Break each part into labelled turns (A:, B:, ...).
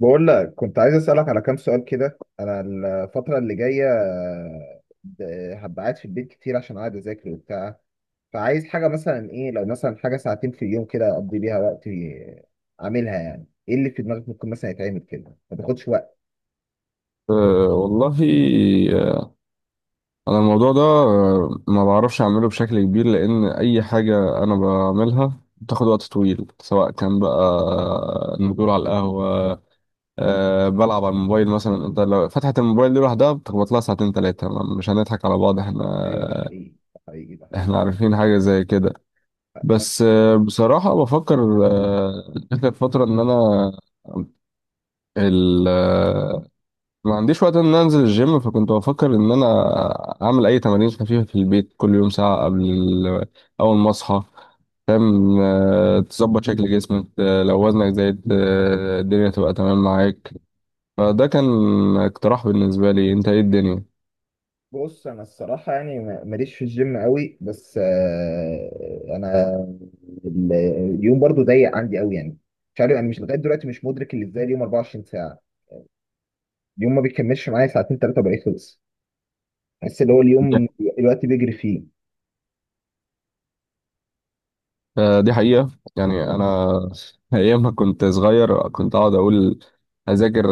A: بقول لك كنت عايز أسألك على كام سؤال كده. أنا الفترة اللي جاية هبقى قاعد في البيت كتير عشان قاعد أذاكر وبتاع. فعايز حاجة مثلا، إيه لو مثلا حاجة ساعتين في اليوم كده أقضي بيها وقت أعملها؟ يعني إيه اللي في دماغك ممكن مثلا يتعمل كده ما تاخدش وقت؟
B: أه والله. آه، أنا الموضوع ده ما بعرفش أعمله بشكل كبير، لأن أي حاجة أنا بعملها بتاخد وقت طويل سواء كان بقى نزول على القهوة، بلعب على الموبايل مثلا. أنت لو فتحت الموبايل دي لوحدها بتخبط لها ساعتين تلاتة. مش هنضحك على بعض، احنا
A: أيوه، ده حقيقي ده حقيقي ده حقيقي.
B: احنا عارفين حاجة زي كده. بس بصراحة بفكر آخر فترة إن أنا ال- ما عنديش وقت ان أنا انزل الجيم، فكنت بفكر ان انا اعمل اي تمارين خفيفه في البيت كل يوم ساعه قبل اول ما اصحى، فاهم؟ تظبط شكل جسمك، لو وزنك زايد الدنيا تبقى تمام معاك. فده كان اقتراح بالنسبه لي، انت ايه الدنيا؟
A: بص، أنا الصراحة يعني ماليش في الجيم قوي، بس أنا ال- اليوم برضو ضيق عندي قوي يعني. مش عارف، أنا مش لغاية دلوقتي مش مدرك اللي إزاي اليوم 24. اليوم ما بيكملش معايا ساعتين ثلاثة وبقيت خلص. بحس اللي هو اليوم الوقت بيجري فيه.
B: دي حقيقة. يعني أنا أيام ما كنت صغير كنت أقعد أقول هذاكر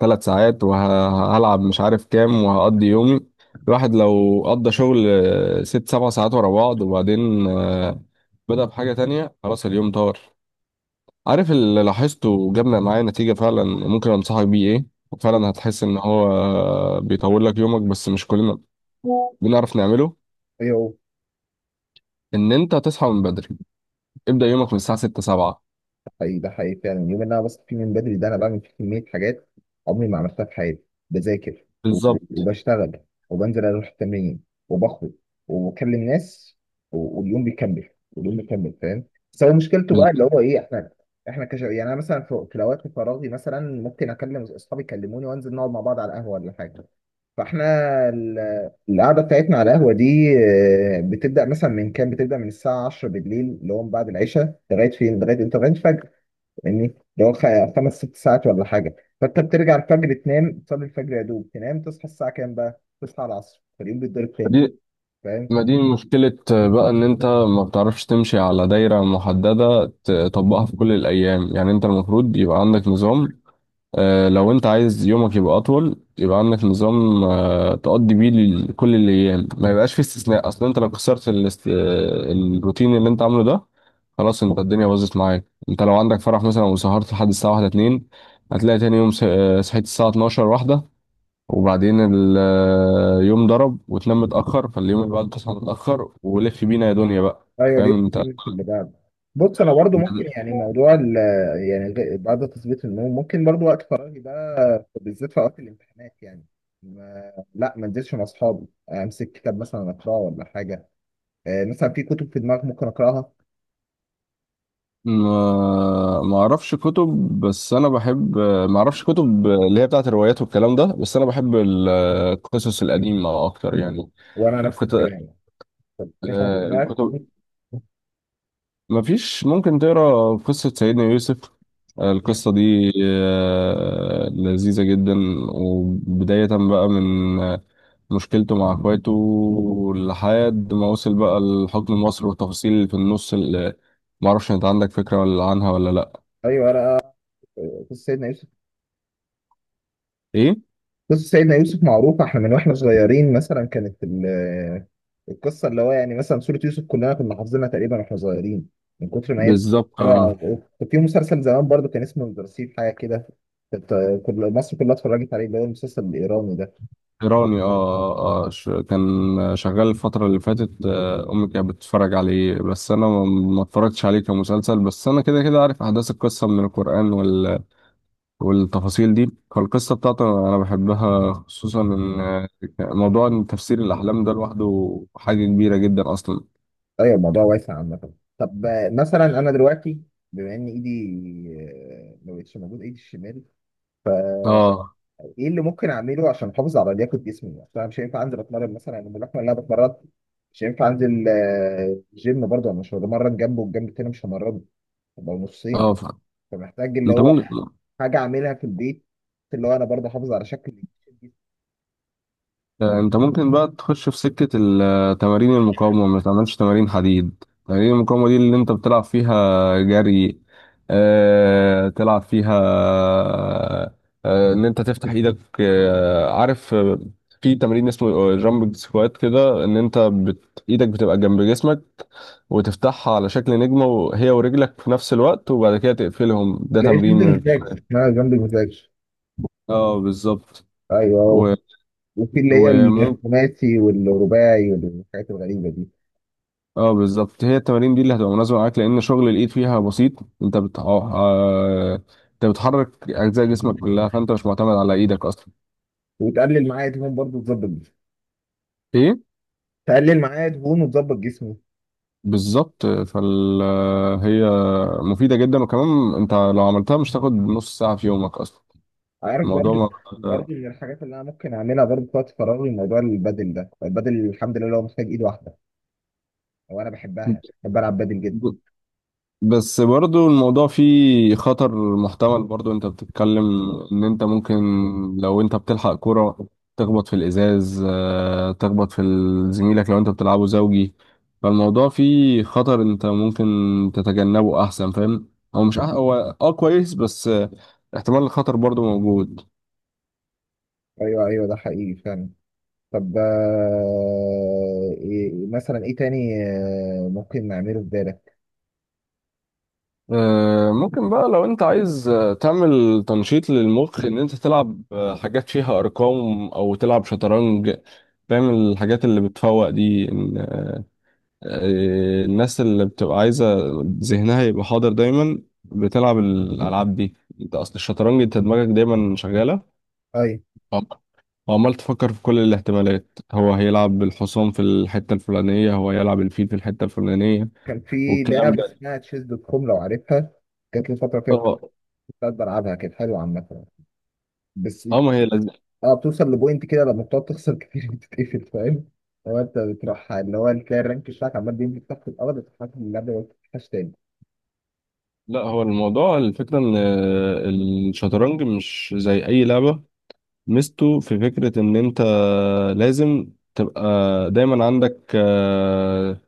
B: 3 ساعات وهلعب مش عارف كام وهقضي يومي. الواحد لو قضى شغل 6 7 ساعات ورا بعض وبعدين بدأ بحاجة تانية، خلاص اليوم طار. عارف اللي لاحظته وجابنا معايا نتيجة فعلا ممكن أنصحك بيه إيه، وفعلا هتحس إن هو بيطول لك يومك، بس مش كلنا بنعرف نعمله؟
A: ايوه،
B: ان انت تصحى من بدري، ابدا يومك من الساعه 6 7.
A: ده حقيقي ده حقيقي فعلا. اليوم اللي انا بصحى فيه من بدري ده انا بعمل فيه كمية حاجات عمري ما عملتها في حياتي. بذاكر و-
B: بالظبط.
A: وبشتغل وبنزل اروح التمرين وبخرج وبكلم ناس واليوم بيكمل واليوم بيكمل، فاهم؟ بس هو مشكلته بقى اللي هو ايه؟ يعني انا مثلا في الاوقات فراغي مثلا ممكن اكلم اصحابي يكلموني وانزل نقعد مع بعض على القهوة ولا حاجة. فاحنا ال- القعده بتاعتنا على القهوه دي بتبدا مثلا من كام، بتبدا من الساعه 10 بالليل اللي هو من بعد العشاء لغايه فين، لغايه الفجر. يعني اللي هو خمس ست ساعات ولا حاجه. فانت بترجع الفجر تنام، تصلي الفجر يا دوب تنام، تصحى الساعه كام بقى، تصحى العصر، فاليوم بيتضرب تاني.
B: ما دي
A: فاهم؟
B: ما دي مشكلة بقى، إن أنت ما بتعرفش تمشي على دايرة محددة تطبقها في كل الأيام. يعني أنت المفروض يبقى عندك نظام، لو أنت عايز يومك يبقى أطول يبقى عندك نظام تقضي بيه كل الأيام، ما يبقاش فيه استثناء. أصل أنت لو كسرت الروتين اللي أنت عامله ده، خلاص أنت الدنيا باظت معاك. أنت لو عندك فرح مثلا وسهرت لحد الساعة واحدة اتنين، هتلاقي تاني يوم صحيت الساعة 12 واحدة، وبعدين اليوم ضرب، وتنام متأخر فاليوم اللي بعده تصحى متأخر، ولف بينا يا دنيا بقى،
A: ايوه، اليوم
B: فاهم انت؟
A: بيكمل في اللي بعده. بص انا برضو ممكن يعني موضوع ال يعني بعد تثبيت النوم ممكن برضو وقت فراغي ده بالذات في وقت الامتحانات يعني ما انزلش مع اصحابي، امسك كتاب مثلا اقراه ولا حاجه. مثلا في كتب في دماغك ممكن اقراها؟
B: ما اعرفش كتب بس انا بحب، ما اعرفش كتب اللي هي بتاعت الروايات والكلام ده، بس انا بحب القصص القديمة اكتر يعني.
A: وانا نفس
B: الكت-
A: الكلام. في حاجه في دماغك
B: الكتب،
A: ممكن-؟
B: مفيش ممكن تقرا قصة سيدنا يوسف. القصة دي لذيذة جدا، وبداية بقى من مشكلته مع اخواته لحد ما وصل بقى لحكم مصر، والتفاصيل اللي في النص اللي معرفش انت عندك فكرة ولا عنها ولا لأ.
A: ايوه انا. قصه سيدنا يوسف.
B: ايه؟
A: قصة سيدنا يوسف معروفة، احنا من واحنا صغيرين مثلا كانت القصة اللي هو يعني مثلا سورة يوسف كلنا كنا حافظينها تقريبا واحنا صغيرين، من كتر ما هي
B: بالظبط.
A: حلوة.
B: اه،
A: كان في مسلسل زمان برضو كان اسمه الرصيف، حاجة كده، كانت كل مصر كلها اتفرجت عليه اللي هو المسلسل الإيراني ده.
B: ايراني، اه، كان شغال الفترة اللي فاتت، امي كانت بتتفرج عليه، بس انا ما اتفرجتش عليه كمسلسل، بس انا كده كده عارف احداث القصة من القرآن والتفاصيل دي. فالقصة بتاعته أنا بحبها، خصوصا إن موضوع إن تفسير الأحلام ده لوحده حاجة كبيرة جدا أصلا.
A: أيوة، الموضوع واسع عامة. طب مثلا أنا دلوقتي بما إن إيدي ما بقتش موجود، إيدي الشمال،
B: اه
A: ايه اللي ممكن اعمله عشان احافظ على لياقه جسمي؟ عشان انا مش هينفع انزل اتمرن مثلا، يعني اللحمه اللي انا بتمرن مش هينفع انزل جيم برضه، انا مش هتمرن جنبه والجنب التاني مش همرنه، هبقى نصين.
B: اه.
A: فمحتاج اللي
B: انت
A: هو
B: ممكن
A: حاجه اعملها في البيت اللي هو انا برضه احافظ على شكل جسمي.
B: انت ممكن بقى تخش في سكة تمارين المقاومة، ما تعملش تمارين حديد، تمارين المقاومة دي اللي انت بتلعب فيها جري، اه، تلعب فيها، اه، ان انت تفتح ايدك، اه، عارف في تمرين اسمه جامب سكوات كده، ان انت ايدك بتبقى جنب جسمك وتفتحها على شكل نجمة، وهي ورجلك في نفس الوقت، وبعد كده تقفلهم. ده
A: لا،
B: تمرين
A: جنب
B: من،
A: المزاج، اسمها جنب المزاج.
B: اه، بالظبط.
A: ايوه،
B: و...
A: وفي اللي هي
B: وممكن،
A: الخماسي والرباعي والحاجات الغريبه دي.
B: اه، بالظبط، هي التمارين دي اللي هتبقى مناسبه معاك لان شغل الايد فيها بسيط. انت بت... اه آه، انت بتحرك اجزاء جسمك كلها، فانت مش معتمد على ايدك اصلا.
A: وتقلل معايا دهون برضه تظبط جسمي.
B: ايه؟
A: تقلل معايا دهون وتظبط جسمي.
B: بالظبط. فال هي مفيده جدا، وكمان انت لو عملتها مش تاخد نص ساعه في يومك اصلا.
A: عارف برضو.
B: الموضوع،
A: برضو من الحاجات اللي انا ممكن اعملها برضو في وقت فراغي موضوع البادل ده. البادل الحمد لله هو محتاج ايد واحده، وانا بحبها، بحب العب بادل جدا.
B: ما، بس برضو الموضوع فيه خطر محتمل برضو، انت بتتكلم ان انت ممكن لو انت بتلحق كرة تخبط في الازاز تخبط في زميلك لو انت بتلعبه زوجي. فالموضوع فيه خطر انت ممكن تتجنبه احسن، فاهم. هو مش هو اه كويس، بس احتمال الخطر برضو موجود.
A: ايوه ايوه، ده حقيقي فعلا. طب إيه مثلا، ايه تاني ممكن نعمله في بالك؟
B: ممكن بقى لو انت عايز تعمل تنشيط للمخ، ان انت تلعب حاجات فيها ارقام او تلعب شطرنج، فاهم الحاجات اللي بتفوق دي؟ إن، آه، الناس اللي بتبقى عايزة ذهنها يبقى حاضر دايما بتلعب الالعاب دي. انت اصل الشطرنج، انت دماغك دايما شغالة
A: ايوه،
B: عم- وعمال تفكر في كل الاحتمالات، هو هيلعب الحصان في الحتة الفلانية، هو هيلعب الفيل في الحتة الفلانية
A: كان في
B: والكلام
A: لعبه
B: ده.
A: اسمها تشيز دوت كوم لو عارفها، جات لي فتره كده كنت
B: اه
A: بلعبها، كانت حلوه عامه. بس
B: اه. ما هي،
A: اه، بتوصل لبوينت كده لما بتقعد تخسر كتير بتتقفل، فاهم؟ هو انت بتروح اللي هو تلاقي الرانك بتاعك عمال بينزل تحت الارض، بتتحسن من اللعبه، ما بتفتحش تاني.
B: لا، هو الموضوع الفكرة ان الشطرنج مش زي اي لعبة، ميزته في فكرة ان انت لازم تبقى دايما عندك آه،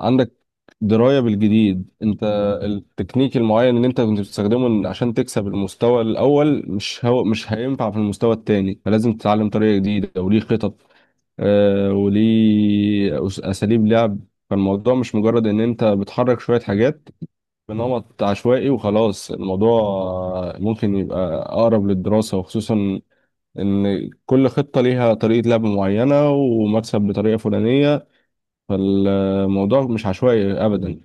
B: عندك دراية بالجديد. انت التكنيك المعين اللي انت كنت بتستخدمه عشان تكسب المستوى الاول، مش، هو مش هينفع في المستوى التاني، فلازم تتعلم طريقة جديدة وليه خطط وليه اساليب لعب. فالموضوع مش مجرد ان انت بتحرك شوية حاجات بنمط عشوائي وخلاص، الموضوع ممكن يبقى أقرب للدراسة، وخصوصا إن كل خطة ليها طريقة لعب معينة ومكسب بطريقة فلانية، فالموضوع مش عشوائي أبدا.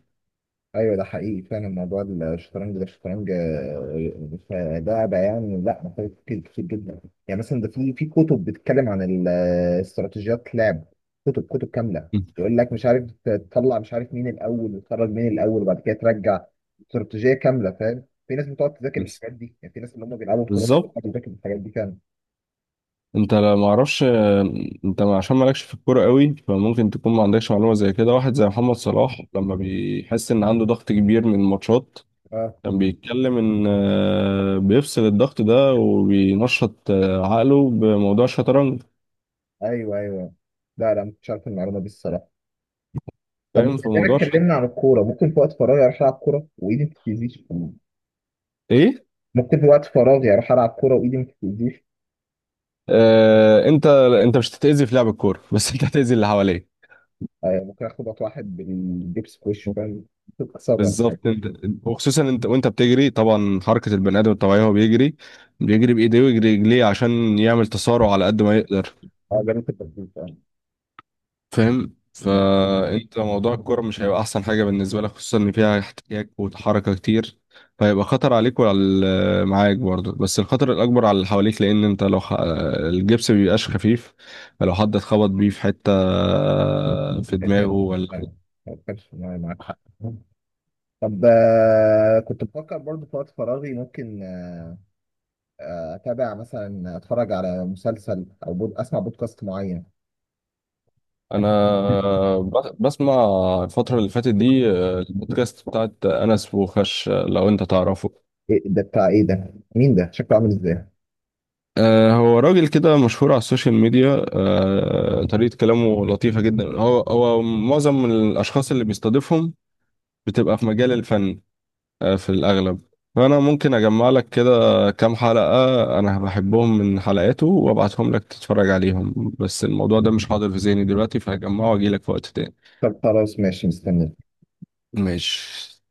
A: ايوه، ده حقيقي فعلا. موضوع الشطرنج ده، الشطرنج فلعبه يعني لا، محتاج تفكير كتير جدا. يعني مثلا ده في كتب بتتكلم عن استراتيجيات لعب، كتب كتب كامله،
B: مم.
A: يقول لك مش عارف تطلع، مش عارف مين الاول وتخرج مين الاول وبعد كده ترجع، استراتيجيه كامله فاهم. في ناس بتقعد تذاكر
B: بز-
A: الحاجات دي، يعني في ناس اللي هم بيلعبوا بطولات
B: بالظبط.
A: بتذاكر الحاجات دي فعلا.
B: أنت لا معرفش أنت عشان مالكش في الكورة قوي فممكن تكون ما عندكش معلومة زي كده، واحد زي محمد صلاح لما بيحس إن عنده ضغط كبير من الماتشات،
A: اه،
B: كان بيتكلم إن بيفصل الضغط ده وبينشط عقله بموضوع الشطرنج،
A: ايوه ايوه. لا لا، ما كنتش عارف المعلومه دي الصراحه. طب بما
B: فاهم؟ في
A: اننا
B: موضوع
A: اتكلمنا عن الكوره، ممكن في وقت فراغي اروح العب كوره وايدي ما بتتاذيش؟
B: ايه؟
A: ممكن في وقت فراغي اروح العب كوره وايدي ما بتتاذيش.
B: آه انت انت مش هتتاذي في لعب الكوره بس انت هتاذي اللي حواليك.
A: ممكن اخبط واحد بالجبس في وشه، فاهم، تتكسر ولا حاجه.
B: بالظبط، انت، وخصوصا انت وانت بتجري، طبعا حركه البني ادم الطبيعي هو بيجري بايديه ويجري رجليه عشان يعمل تسارع على قد ما يقدر،
A: اه، جربت التدريب فاهم.
B: فاهم؟ فانت موضوع الكرة مش هيبقى احسن حاجة بالنسبة لك، خصوصا ان فيها احتكاك وحركة كتير، فهيبقى خطر عليك وعلى معاك برضه، بس الخطر الاكبر على اللي حواليك، لان انت لو الجبس مبيبقاش خفيف، فلو حد اتخبط بيه في حتة في
A: ما
B: دماغه
A: كانش-
B: ولا.
A: لا، ما كانش معايا- معاك حق. طب كنت بفكر برضه في وقت فراغي ممكن اتابع، مثلا اتفرج على مسلسل او اسمع بودكاست معين.
B: انا بسمع الفترة اللي فاتت دي البودكاست بتاعت انس وخش، لو انت تعرفه،
A: إيه ده؟ بتاع ايه ده؟ مين ده؟ شكله عامل ازاي؟
B: هو راجل كده مشهور على السوشيال ميديا، طريقة كلامه لطيفة جدا. هو معظم الأشخاص اللي بيستضيفهم بتبقى في مجال الفن في الأغلب. فأنا ممكن أجمع لك كده كام حلقة أنا بحبهم من حلقاته وأبعتهم لك تتفرج عليهم، بس الموضوع ده مش حاضر في ذهني دلوقتي، فهجمعه وأجيلك في وقت تاني.
A: طب خلاص ماشي، مستني.
B: ماشي.